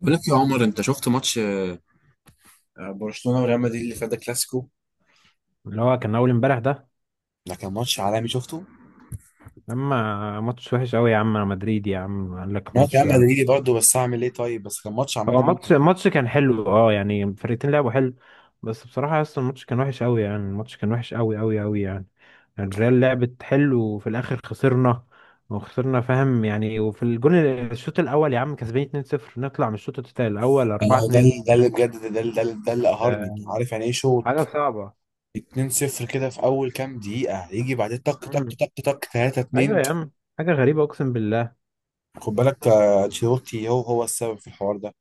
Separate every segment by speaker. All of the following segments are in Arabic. Speaker 1: بقول لك يا عمر، انت شفت ماتش برشلونة وريال مدريد اللي فات ده كلاسيكو.
Speaker 2: اللي هو كان اول امبارح ده.
Speaker 1: ده كان ماتش عالمي شفته.
Speaker 2: اما ماتش وحش قوي يا عم، انا مدريد يا عم، قال لك
Speaker 1: انا
Speaker 2: ماتش
Speaker 1: كان
Speaker 2: هو.
Speaker 1: مدريدي برضه، بس اعمل ايه؟ طيب بس كان ماتش عامه ممتع.
Speaker 2: ماتش كان حلو، اه يعني الفرقتين لعبوا حلو. بس بصراحة اصلا الماتش كان وحش قوي، يعني الماتش كان وحش قوي قوي قوي يعني. الريال لعبت حلو وفي الاخر خسرنا وخسرنا فاهم يعني. وفي الجون الشوط الاول يا عم كسبانين 2-0، نطلع من الشوط التاني الاول
Speaker 1: انا هو ده
Speaker 2: 4-2.
Speaker 1: اللي- ده اللي بجد ده ده اللي- ده اللي ده اللي قهرني.
Speaker 2: ده
Speaker 1: انت عارف يعني ايه شوط
Speaker 2: حاجة صعبة.
Speaker 1: 2-0 كده في اول كام دقيقه، يجي بعدين طق طق
Speaker 2: مم.
Speaker 1: طق طق
Speaker 2: ايوه
Speaker 1: 3-2؟
Speaker 2: يا عم، حاجة غريبة اقسم بالله.
Speaker 1: خد بالك، انشيلوتي هو السبب في الحوار ده.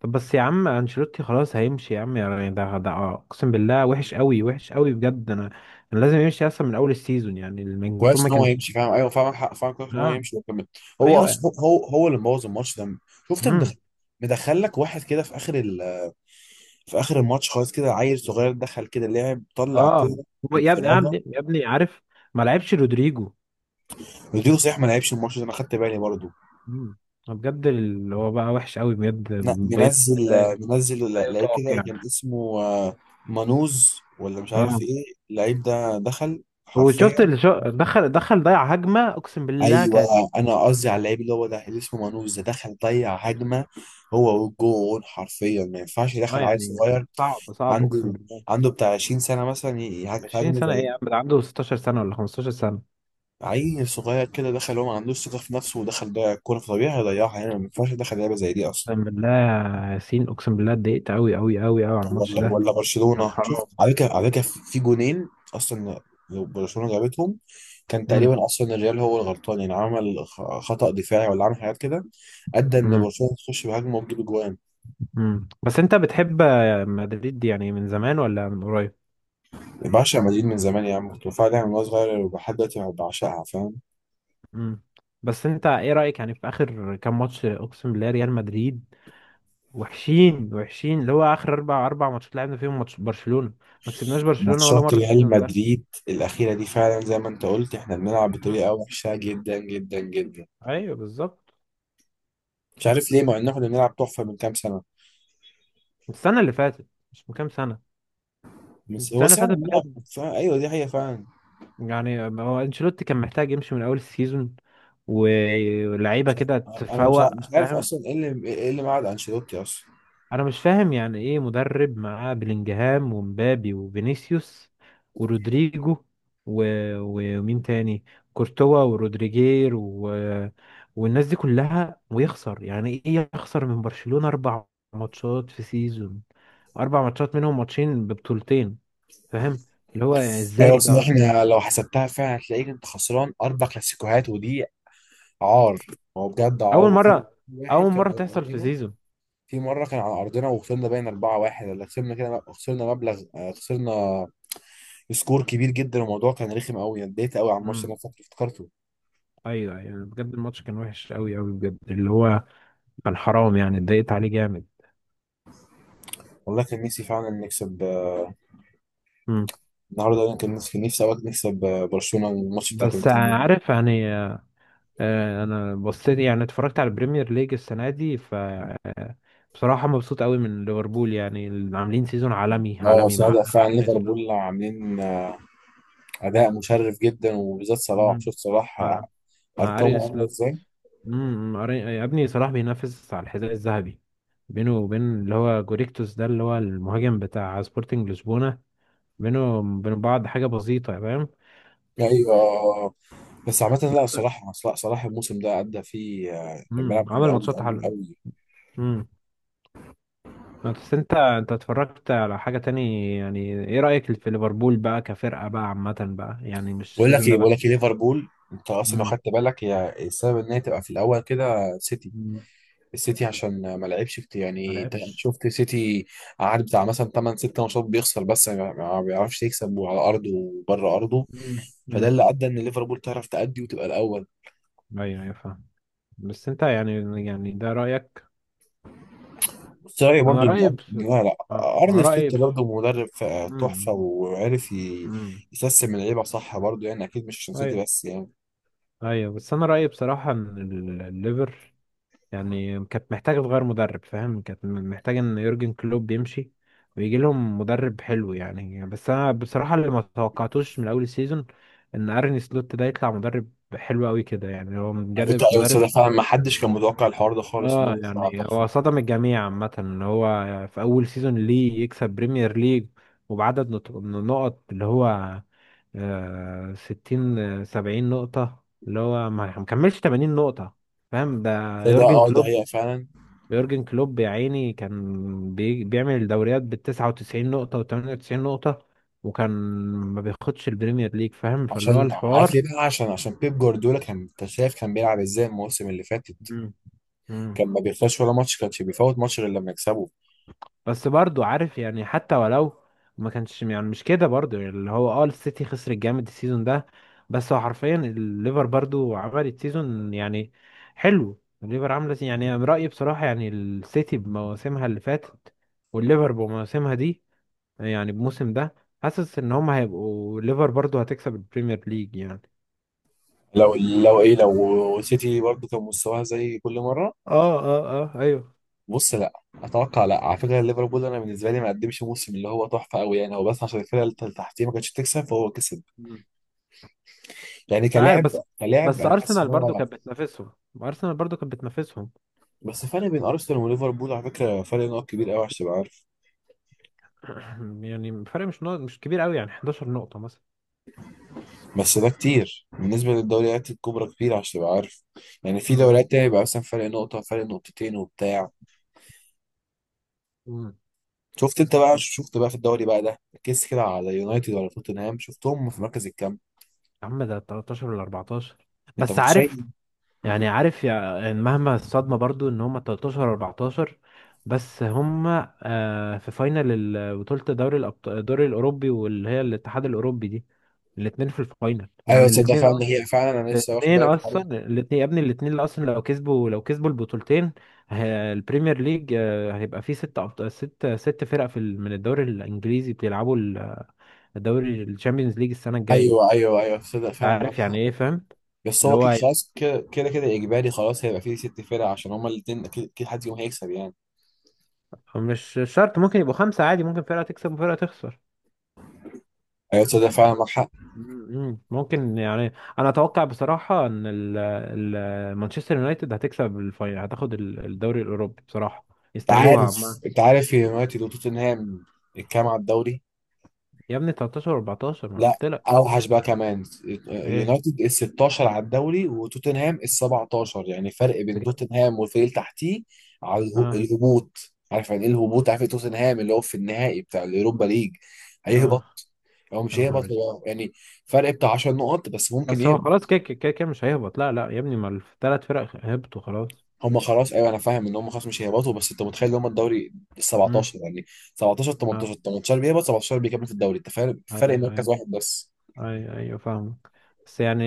Speaker 2: طب بس يا عم انشيلوتي خلاص هيمشي يا عم يعني، ده اقسم بالله وحش قوي وحش قوي بجد. انا لازم يمشي اصلا من اول السيزون يعني، المفروض
Speaker 1: كويس
Speaker 2: ما
Speaker 1: ان هو
Speaker 2: كانش.
Speaker 1: يمشي، فاهم؟ ايوه، فاهم حق. فاهم كويس ان هو
Speaker 2: اه.
Speaker 1: يمشي وكمل. هو
Speaker 2: ايوه.
Speaker 1: اصلا هو اللي مبوظ الماتش ده. شفت مدخل؟
Speaker 2: امم.
Speaker 1: مدخل لك واحد كده في اخر، في اخر الماتش خالص، كده عيل صغير دخل كده لعب طلع
Speaker 2: اه.
Speaker 1: كوره
Speaker 2: هو يا ابني يا
Speaker 1: انفرادة.
Speaker 2: ابني يا ابني عارف، ما لعبش رودريجو.
Speaker 1: رودريجو صحيح ما لعبش الماتش ده، انا خدت بالي برضه.
Speaker 2: امم. بجد اللي هو بقى وحش قوي بجد. بيت
Speaker 1: منزل، منزل
Speaker 2: لا
Speaker 1: لعيب
Speaker 2: يطاق
Speaker 1: كده
Speaker 2: يعني.
Speaker 1: كان اسمه مانوز، ولا مش
Speaker 2: اه،
Speaker 1: عارف ايه. اللعيب ده دخل حرفيا.
Speaker 2: وشفت اللي دخل، دخل ضيع هجمة اقسم بالله
Speaker 1: ايوه،
Speaker 2: كانت.
Speaker 1: انا قصدي على
Speaker 2: كانت-
Speaker 1: اللعيب اللي هو ده اللي اسمه مانوز ده، دخل ضيع هجمه هو والجون. حرفيا ما ينفعش
Speaker 2: اه
Speaker 1: يدخل عيل
Speaker 2: يعني
Speaker 1: صغير
Speaker 2: صعب صعب اقسم
Speaker 1: عنده،
Speaker 2: بالله.
Speaker 1: عنده بتاع 20 سنه مثلا
Speaker 2: 20
Speaker 1: يهاجمه
Speaker 2: سنة ايه
Speaker 1: زي
Speaker 2: يا عم؟ ده عنده 16 سنة ولا 15 سنة.
Speaker 1: عيل صغير كده. دخل، هو ما عندوش ثقة في نفسه، ودخل ده الكورة في طبيعي هيضيعها يعني. ما ينفعش يدخل لعبة زي دي أصلا.
Speaker 2: اقسم بالله يا ياسين، اقسم بالله اتضايقت قوي قوي قوي قوي على
Speaker 1: طب
Speaker 2: الماتش
Speaker 1: ولا
Speaker 2: ده.
Speaker 1: ولا
Speaker 2: كان
Speaker 1: برشلونة، شوف
Speaker 2: حرام.
Speaker 1: على فكرة، على فكرة في جونين أصلا لو برشلونة جابتهم، كان
Speaker 2: امم.
Speaker 1: تقريبا أصلا الريال هو الغلطان. يعني عمل خطأ دفاعي ولا عمل حاجات كده أدى إن
Speaker 2: امم.
Speaker 1: برشلونة تخش بهجمة وتجيب جوان.
Speaker 2: بس انت بتحب مدريد يعني من زمان ولا من قريب؟
Speaker 1: بعشق مدريد من زمان يا عم، كنت بتفرج عليها من وأنا صغير ولحد دلوقتي بعشقها، فاهم.
Speaker 2: امم. بس انت ايه رايك يعني في اخر كام ماتش؟ اقسم بالله ريال مدريد وحشين وحشين، اللي هو اخر اربع ماتشات لعبنا فيهم ماتش برشلونه، ما كسبناش برشلونه ولا
Speaker 1: ماتشات
Speaker 2: مره
Speaker 1: ريال
Speaker 2: السيزون ده.
Speaker 1: مدريد الأخيرة دي فعلا زي ما أنت قلت، إحنا بنلعب
Speaker 2: امم.
Speaker 1: بطريقة وحشة جدا جدا جدا.
Speaker 2: ايوه بالظبط.
Speaker 1: مش عارف ليه، مع ان احنا كنا بنلعب تحفه من كام سنه.
Speaker 2: السنه اللي فاتت، مش من كام سنه،
Speaker 1: بس هو
Speaker 2: السنه اللي
Speaker 1: صعب
Speaker 2: فاتت
Speaker 1: الملعب.
Speaker 2: بجد.
Speaker 1: فعلا ايوه، دي حقيقه فعلا.
Speaker 2: يعني هو انشيلوتي كان محتاج يمشي من اول السيزون ولعيبه
Speaker 1: مش
Speaker 2: كده
Speaker 1: ع- انا مش ع-
Speaker 2: تفوق
Speaker 1: مش عارف
Speaker 2: فاهم.
Speaker 1: اصلا ايه اللي معاد انشيلوتي اصلا.
Speaker 2: انا مش فاهم، يعني ايه مدرب معاه بلينجهام ومبابي وفينيسيوس ورودريجو و ومين تاني، كورتوا ورودريجير و والناس دي كلها ويخسر، يعني ايه يخسر من برشلونة اربع ماتشات في سيزون، اربع ماتشات منهم ماتشين ببطولتين؟ فاهم. اللي هو يعني ازاي
Speaker 1: ايوه بس
Speaker 2: ده
Speaker 1: احنا لو حسبتها فعلا هتلاقيك انت خسران اربع كلاسيكوهات، ودي عار. هو بجد
Speaker 2: اول
Speaker 1: عار. وفي
Speaker 2: مرة،
Speaker 1: واحد
Speaker 2: اول
Speaker 1: كان
Speaker 2: مرة
Speaker 1: على
Speaker 2: تحصل في
Speaker 1: ارضنا،
Speaker 2: سيزون.
Speaker 1: في مره كان على ارضنا وخسرنا باين 4-1، ولا خسرنا كده خسرنا مبلغ، خسرنا سكور كبير جدا. الموضوع كان رخم قوي، اتضايقت قوي على الماتش انا
Speaker 2: امم.
Speaker 1: فاكر افتكرته.
Speaker 2: ايوه ايوه بجد الماتش كان وحش قوي قوي بجد، اللي هو كان حرام يعني، اتضايقت عليه جامد.
Speaker 1: والله كان نفسي فعلا نكسب
Speaker 2: امم.
Speaker 1: النهارده. انا كان نفسي، نفسي اوقات نكسب برشلونه الماتش بتاع
Speaker 2: بس
Speaker 1: كنت.
Speaker 2: عارف يعني، انا بصيت يعني، اتفرجت على البريمير ليج السنه دي ف بصراحه مبسوط قوي من ليفربول، يعني اللي عاملين سيزون عالمي
Speaker 1: اه
Speaker 2: عالمي
Speaker 1: بس لا،
Speaker 2: مع
Speaker 1: فعلا
Speaker 2: ارني سلوت.
Speaker 1: ليفربول عاملين اداء مشرف جدا، وبالذات صلاح.
Speaker 2: مم.
Speaker 1: شفت صلاح
Speaker 2: مع مع ارني
Speaker 1: ارقامه عامله
Speaker 2: سلوت.
Speaker 1: ازاي؟
Speaker 2: امم. يا ابني صلاح بينافس على الحذاء الذهبي، بينه وبين اللي هو جوريكتوس ده اللي هو المهاجم بتاع سبورتنج لشبونه. بينه وبين بعض حاجه بسيطه فاهم.
Speaker 1: ايوه بس عامه، لا صلاح، لا صلاح الموسم ده ادى فيه كان
Speaker 2: امم،
Speaker 1: بيلعب حلو
Speaker 2: عمل
Speaker 1: قوي
Speaker 2: ماتشات
Speaker 1: قوي
Speaker 2: حلوة.
Speaker 1: قوي.
Speaker 2: امم. بس انت اتفرجت على حاجة تاني؟ يعني ايه رأيك في ليفربول بقى كفرقة بقى عامة بقى، يعني مش
Speaker 1: بقول لك
Speaker 2: السيزون ده
Speaker 1: ايه بقول لك
Speaker 2: بس؟
Speaker 1: ايه ليفربول انت اصلا لو
Speaker 2: امم.
Speaker 1: خدت بالك هي السبب ان هي تبقى في الاول كده. سيتي،
Speaker 2: امم.
Speaker 1: السيتي عشان ما لعبش كتير.
Speaker 2: ما
Speaker 1: يعني انت
Speaker 2: لعبش.
Speaker 1: شفت سيتي قعد بتاع مثلا 8 6 ماتشات بيخسر، بس ما بيعرفش يكسب، وعلى ارضه وبره ارضه.
Speaker 2: امم.
Speaker 1: فده
Speaker 2: امم.
Speaker 1: اللي ادى ان ليفربول تعرف تأدي وتبقى الاول.
Speaker 2: ايوه ايوه فاهم. بس انت يعني، يعني ده رأيك.
Speaker 1: بس رايي
Speaker 2: انا
Speaker 1: برضو ان
Speaker 2: رأيي بس.
Speaker 1: لا، لا،
Speaker 2: اه،
Speaker 1: ارن
Speaker 2: رأيي
Speaker 1: سلوت
Speaker 2: بس.
Speaker 1: برضو مدرب تحفه،
Speaker 2: امم.
Speaker 1: وعرف
Speaker 2: امم.
Speaker 1: يسيستم اللعيبه صح برضو، يعني اكيد مش عشان سيتي
Speaker 2: ايوه
Speaker 1: بس يعني.
Speaker 2: ايوه. بس انا رأيي بصراحة ان الليفر يعني كانت محتاجة تغير مدرب، فاهم؟ كانت محتاجة ان يورجن كلوب يمشي ويجي لهم مدرب حلو يعني. بس انا بصراحة اللي ما توقعتوش من اول السيزون ان ارني سلوت ده يطلع مدرب حلو قوي كده يعني، هو
Speaker 1: على فكره
Speaker 2: مدرب
Speaker 1: أيوة، بس
Speaker 2: مدرب
Speaker 1: ده فعلا ما حدش كان متوقع الحوار ده خالص ان
Speaker 2: اه
Speaker 1: هو يطلع
Speaker 2: يعني هو
Speaker 1: تحفه.
Speaker 2: صدم الجميع عامة، ان هو في اول سيزون ليه يكسب بريمير ليج وبعدد نقط، اللي هو ستين سبعين نقطة، اللي هو ما مكملش تمانين نقطة فاهم ده.
Speaker 1: ده ده
Speaker 2: يورجن
Speaker 1: اه ده
Speaker 2: كلوب،
Speaker 1: هي فعلا.
Speaker 2: يورجن كلوب يا عيني كان بيعمل الدوريات بال 99 نقطة و 98 نقطة، وكان ما بياخدش البريمير ليج فاهم، فاللي هو
Speaker 1: عشان عارف
Speaker 2: الحوار.
Speaker 1: ليه بقى؟ عشان بيب جوارديولا. كان انت شايف كان بيلعب ازاي الموسم اللي فاتت؟
Speaker 2: مم. مم.
Speaker 1: كان ما بيخسرش ولا ماتش، كانش بيفوت ماتش غير لما يكسبه.
Speaker 2: بس برضو عارف يعني، حتى ولو ما كانش، يعني مش كده برضو يعني، اللي هو اه السيتي خسر الجامد السيزون ده، بس هو حرفيا الليفر برضو عملت سيزون يعني حلو. الليفر عاملة يعني أنا رأيي بصراحة، يعني السيتي بمواسمها اللي فاتت والليفر بمواسمها دي، يعني الموسم ده حاسس ان هم هيبقوا ليفر برضو هتكسب البريمير ليج يعني.
Speaker 1: لو ايه، لو سيتي برضه كان مستواها زي كل مره.
Speaker 2: اه اه. اه ايوه.
Speaker 1: بص لا، اتوقع لا، على فكره ليفربول انا بالنسبه لي ما قدمش موسم اللي هو تحفه قوي يعني. هو بس عشان الفرقه اللي تحتيه ما كانتش تكسب فهو كسب
Speaker 2: مم.
Speaker 1: يعني
Speaker 2: مش عارف
Speaker 1: كلاعب.
Speaker 2: بس.
Speaker 1: كلاعب
Speaker 2: بس
Speaker 1: انا حاسس ان
Speaker 2: ارسنال برضو
Speaker 1: هو.
Speaker 2: كانت بتنافسهم، ارسنال برضو كانت بتنافسهم.
Speaker 1: بس فرق بين ارسنال وليفربول على فكره فرق نقط كبير قوي عشان تبقى عارف.
Speaker 2: يعني الفرق مش نقط مش كبير قوي يعني، 11 نقطة مثلا.
Speaker 1: بس ده كتير بالنسبة للدوريات الكبرى، كتير عشان تبقى عارف. يعني في
Speaker 2: مم.
Speaker 1: دوريات تانية بيبقى مثلا فرق نقطة، فرق نقطتين وبتاع.
Speaker 2: مم.
Speaker 1: شفت انت بقى
Speaker 2: طب
Speaker 1: شفت بقى في الدوري بقى ده، ركزت كده على يونايتد ولا توتنهام شفتهم في مركز الكام؟
Speaker 2: يا عم ده 13 ولا 14؟
Speaker 1: انت
Speaker 2: بس عارف
Speaker 1: متخيل؟
Speaker 2: يعني، عارف يعني مهما الصدمة برضو ان هم 13 14، بس هم في فاينل بطولة دوري الأبطال، الدوري الأوروبي، واللي هي الاتحاد الأوروبي دي. الاتنين في الفاينل
Speaker 1: ايوه
Speaker 2: يعني،
Speaker 1: تصدق،
Speaker 2: الاتنين
Speaker 1: فعلا
Speaker 2: أصلا،
Speaker 1: هي فعلا انا لسه واخد
Speaker 2: الاتنين
Speaker 1: بالي من الحوار
Speaker 2: أصلا،
Speaker 1: ده.
Speaker 2: الاتنين يا ابني الاتنين، اللي أصلا لو كسبوا، لو كسبوا البطولتين، البريمير ليج هيبقى فيه ست ست فرق في من الدوري الإنجليزي بيلعبوا الدوري الشامبيونز ليج السنة الجاية.
Speaker 1: ايوه ايوه ايوه، تصدق فعلا معاك
Speaker 2: عارف يعني
Speaker 1: حق.
Speaker 2: إيه، فاهم؟
Speaker 1: بس
Speaker 2: اللي
Speaker 1: هو كده
Speaker 2: هو
Speaker 1: خلاص، كده كده كده اجباري خلاص هيبقى فيه ست فرق، عشان هما الاتنين اكيد اكيد حد يوم هيكسب يعني.
Speaker 2: مش شرط، ممكن يبقوا خمسة عادي، ممكن فرقة تكسب وفرقة تخسر.
Speaker 1: ايوه تصدق فعلا معاك حق.
Speaker 2: مم. ممكن يعني. انا اتوقع بصراحة ان مانشستر يونايتد هتكسب الفاينل، هتاخد الدوري الاوروبي بصراحة.
Speaker 1: انت
Speaker 2: يستاهلوها
Speaker 1: عارف،
Speaker 2: عم.
Speaker 1: انت عارف يونايتد وتوتنهام الكام على الدوري؟
Speaker 2: يا ابني 13 و14، ما أنا
Speaker 1: لا
Speaker 2: قلت لك.
Speaker 1: اوحش بقى كمان.
Speaker 2: ايه
Speaker 1: اليونايتد ال 16 على الدوري، وتوتنهام ال 17. يعني فرق بين
Speaker 2: بجد.
Speaker 1: توتنهام والفريق اللي تحتيه على
Speaker 2: اه.
Speaker 1: الهبوط. عارف يعني ايه الهبوط؟ عارف إيه؟ توتنهام اللي هو في النهائي بتاع اليوروبا ليج
Speaker 2: اه.
Speaker 1: هيهبط. هو
Speaker 2: يا
Speaker 1: مش
Speaker 2: نهار
Speaker 1: هيهبط
Speaker 2: أسود.
Speaker 1: هو يعني، فرق بتاع 10 نقط بس ممكن
Speaker 2: بس هو
Speaker 1: يهبط.
Speaker 2: خلاص كده كده كده مش هيهبط، لا لا يا ابني، ما الثلاث فرق هبطوا خلاص.
Speaker 1: هم خلاص، ايوه انا فاهم ان هم خلاص مش هيهبطوا، بس انت متخيل ان هم الدوري ال
Speaker 2: امم.
Speaker 1: 17 يعني؟ 17 18،
Speaker 2: اه.
Speaker 1: 18 بيهبط 17 بيكمل في الدوري، انت فارق فرق
Speaker 2: ايوه
Speaker 1: مركز
Speaker 2: أيوه.
Speaker 1: واحد بس.
Speaker 2: ايوه ايوه فاهمك. بس يعني،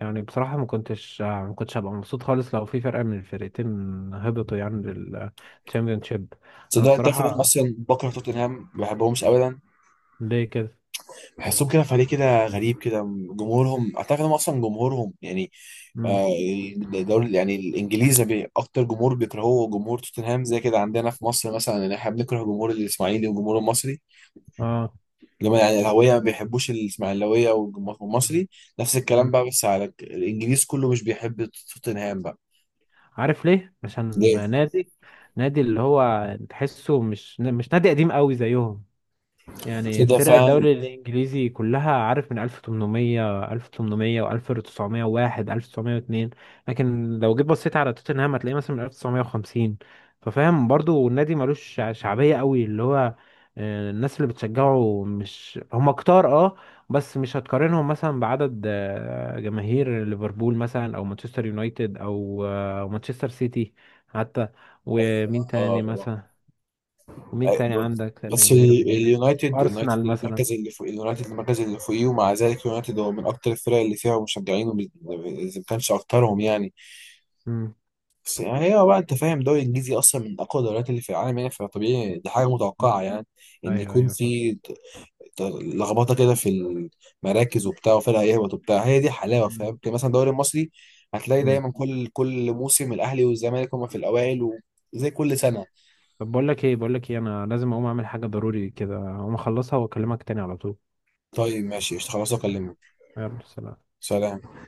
Speaker 2: يعني بصراحة ما كنتش هبقى مبسوط خالص لو في فرقة من الفرقتين هبطوا يعني للتشامبيونشيب. انا
Speaker 1: تصدق تعرف إن انا
Speaker 2: بصراحة،
Speaker 1: اصلا بكره توتنهام؟ ما بحبهمش ابدا.
Speaker 2: ليه كده؟
Speaker 1: بحسهم كده فريق كده غريب كده. جمهورهم اعتقد هم اصلا جمهورهم يعني،
Speaker 2: امم.
Speaker 1: آه، الدوري يعني الانجليزي اكتر جمهور بيكرهوه جمهور توتنهام. زي كده عندنا في مصر مثلا، يعني احنا بنكره جمهور الاسماعيلي والجمهور المصري
Speaker 2: اه.
Speaker 1: لما يعني الاهلاويه ما بيحبوش الاسماعيلاويه والجمهور المصري. نفس الكلام
Speaker 2: مم.
Speaker 1: بقى، بس على الانجليز كله مش بيحب توتنهام بقى.
Speaker 2: عارف ليه؟ عشان
Speaker 1: ليه
Speaker 2: نادي، اللي هو تحسه مش مش نادي قديم قوي زيهم. يعني
Speaker 1: كده
Speaker 2: فرق
Speaker 1: فعلا؟
Speaker 2: الدوري الإنجليزي كلها عارف من 1800 1800 و1901 1902، لكن لو جيت بصيت على توتنهام هتلاقيه مثلا من 1950، ففاهم برضو النادي ملوش شعبية قوي، اللي هو الناس اللي بتشجعه مش هم كتار. اه. بس مش هتقارنهم مثلا بعدد جماهير ليفربول مثلا، او مانشستر يونايتد، او مانشستر سيتي حتى.
Speaker 1: أيوة.
Speaker 2: ومين تاني
Speaker 1: آه.
Speaker 2: مثلا؟ ومين تاني
Speaker 1: بس
Speaker 2: عندك تاني جماهير كبيرة؟
Speaker 1: اليونايتد
Speaker 2: أرسنال مثلا.
Speaker 1: المركز اللي فوق، اليونايتد المركز اللي فوقيه، ومع ذلك اليونايتد هو من اكتر الفرق اللي فيها مشجعين اذا ما كانش اكترهم يعني.
Speaker 2: امم.
Speaker 1: بس يعني هو بقى انت فاهم الدوري الانجليزي اصلا من اقوى الدوريات اللي في العالم يعني، فطبيعي دي حاجه متوقعه يعني، ان
Speaker 2: أيوه
Speaker 1: يكون
Speaker 2: أيوه فاهم.
Speaker 1: في لخبطه كده في المراكز وبتاع، وفرق يهبط وبتاع، هي دي حلاوه
Speaker 2: مم.
Speaker 1: فاهم. يمكن مثلا الدوري المصري هتلاقي
Speaker 2: امم.
Speaker 1: دايما كل كل موسم الاهلي والزمالك هما في الاوائل، وزي كل سنه.
Speaker 2: طب بقول لك إيه، بقول لك إيه، أنا لازم أقوم أعمل حاجة ضروري كده، أقوم أخلصها وأكلمك تاني على طول.
Speaker 1: طيب ماشي قشطة، خلاص اكلمك.
Speaker 2: يلا سلام.
Speaker 1: سلام.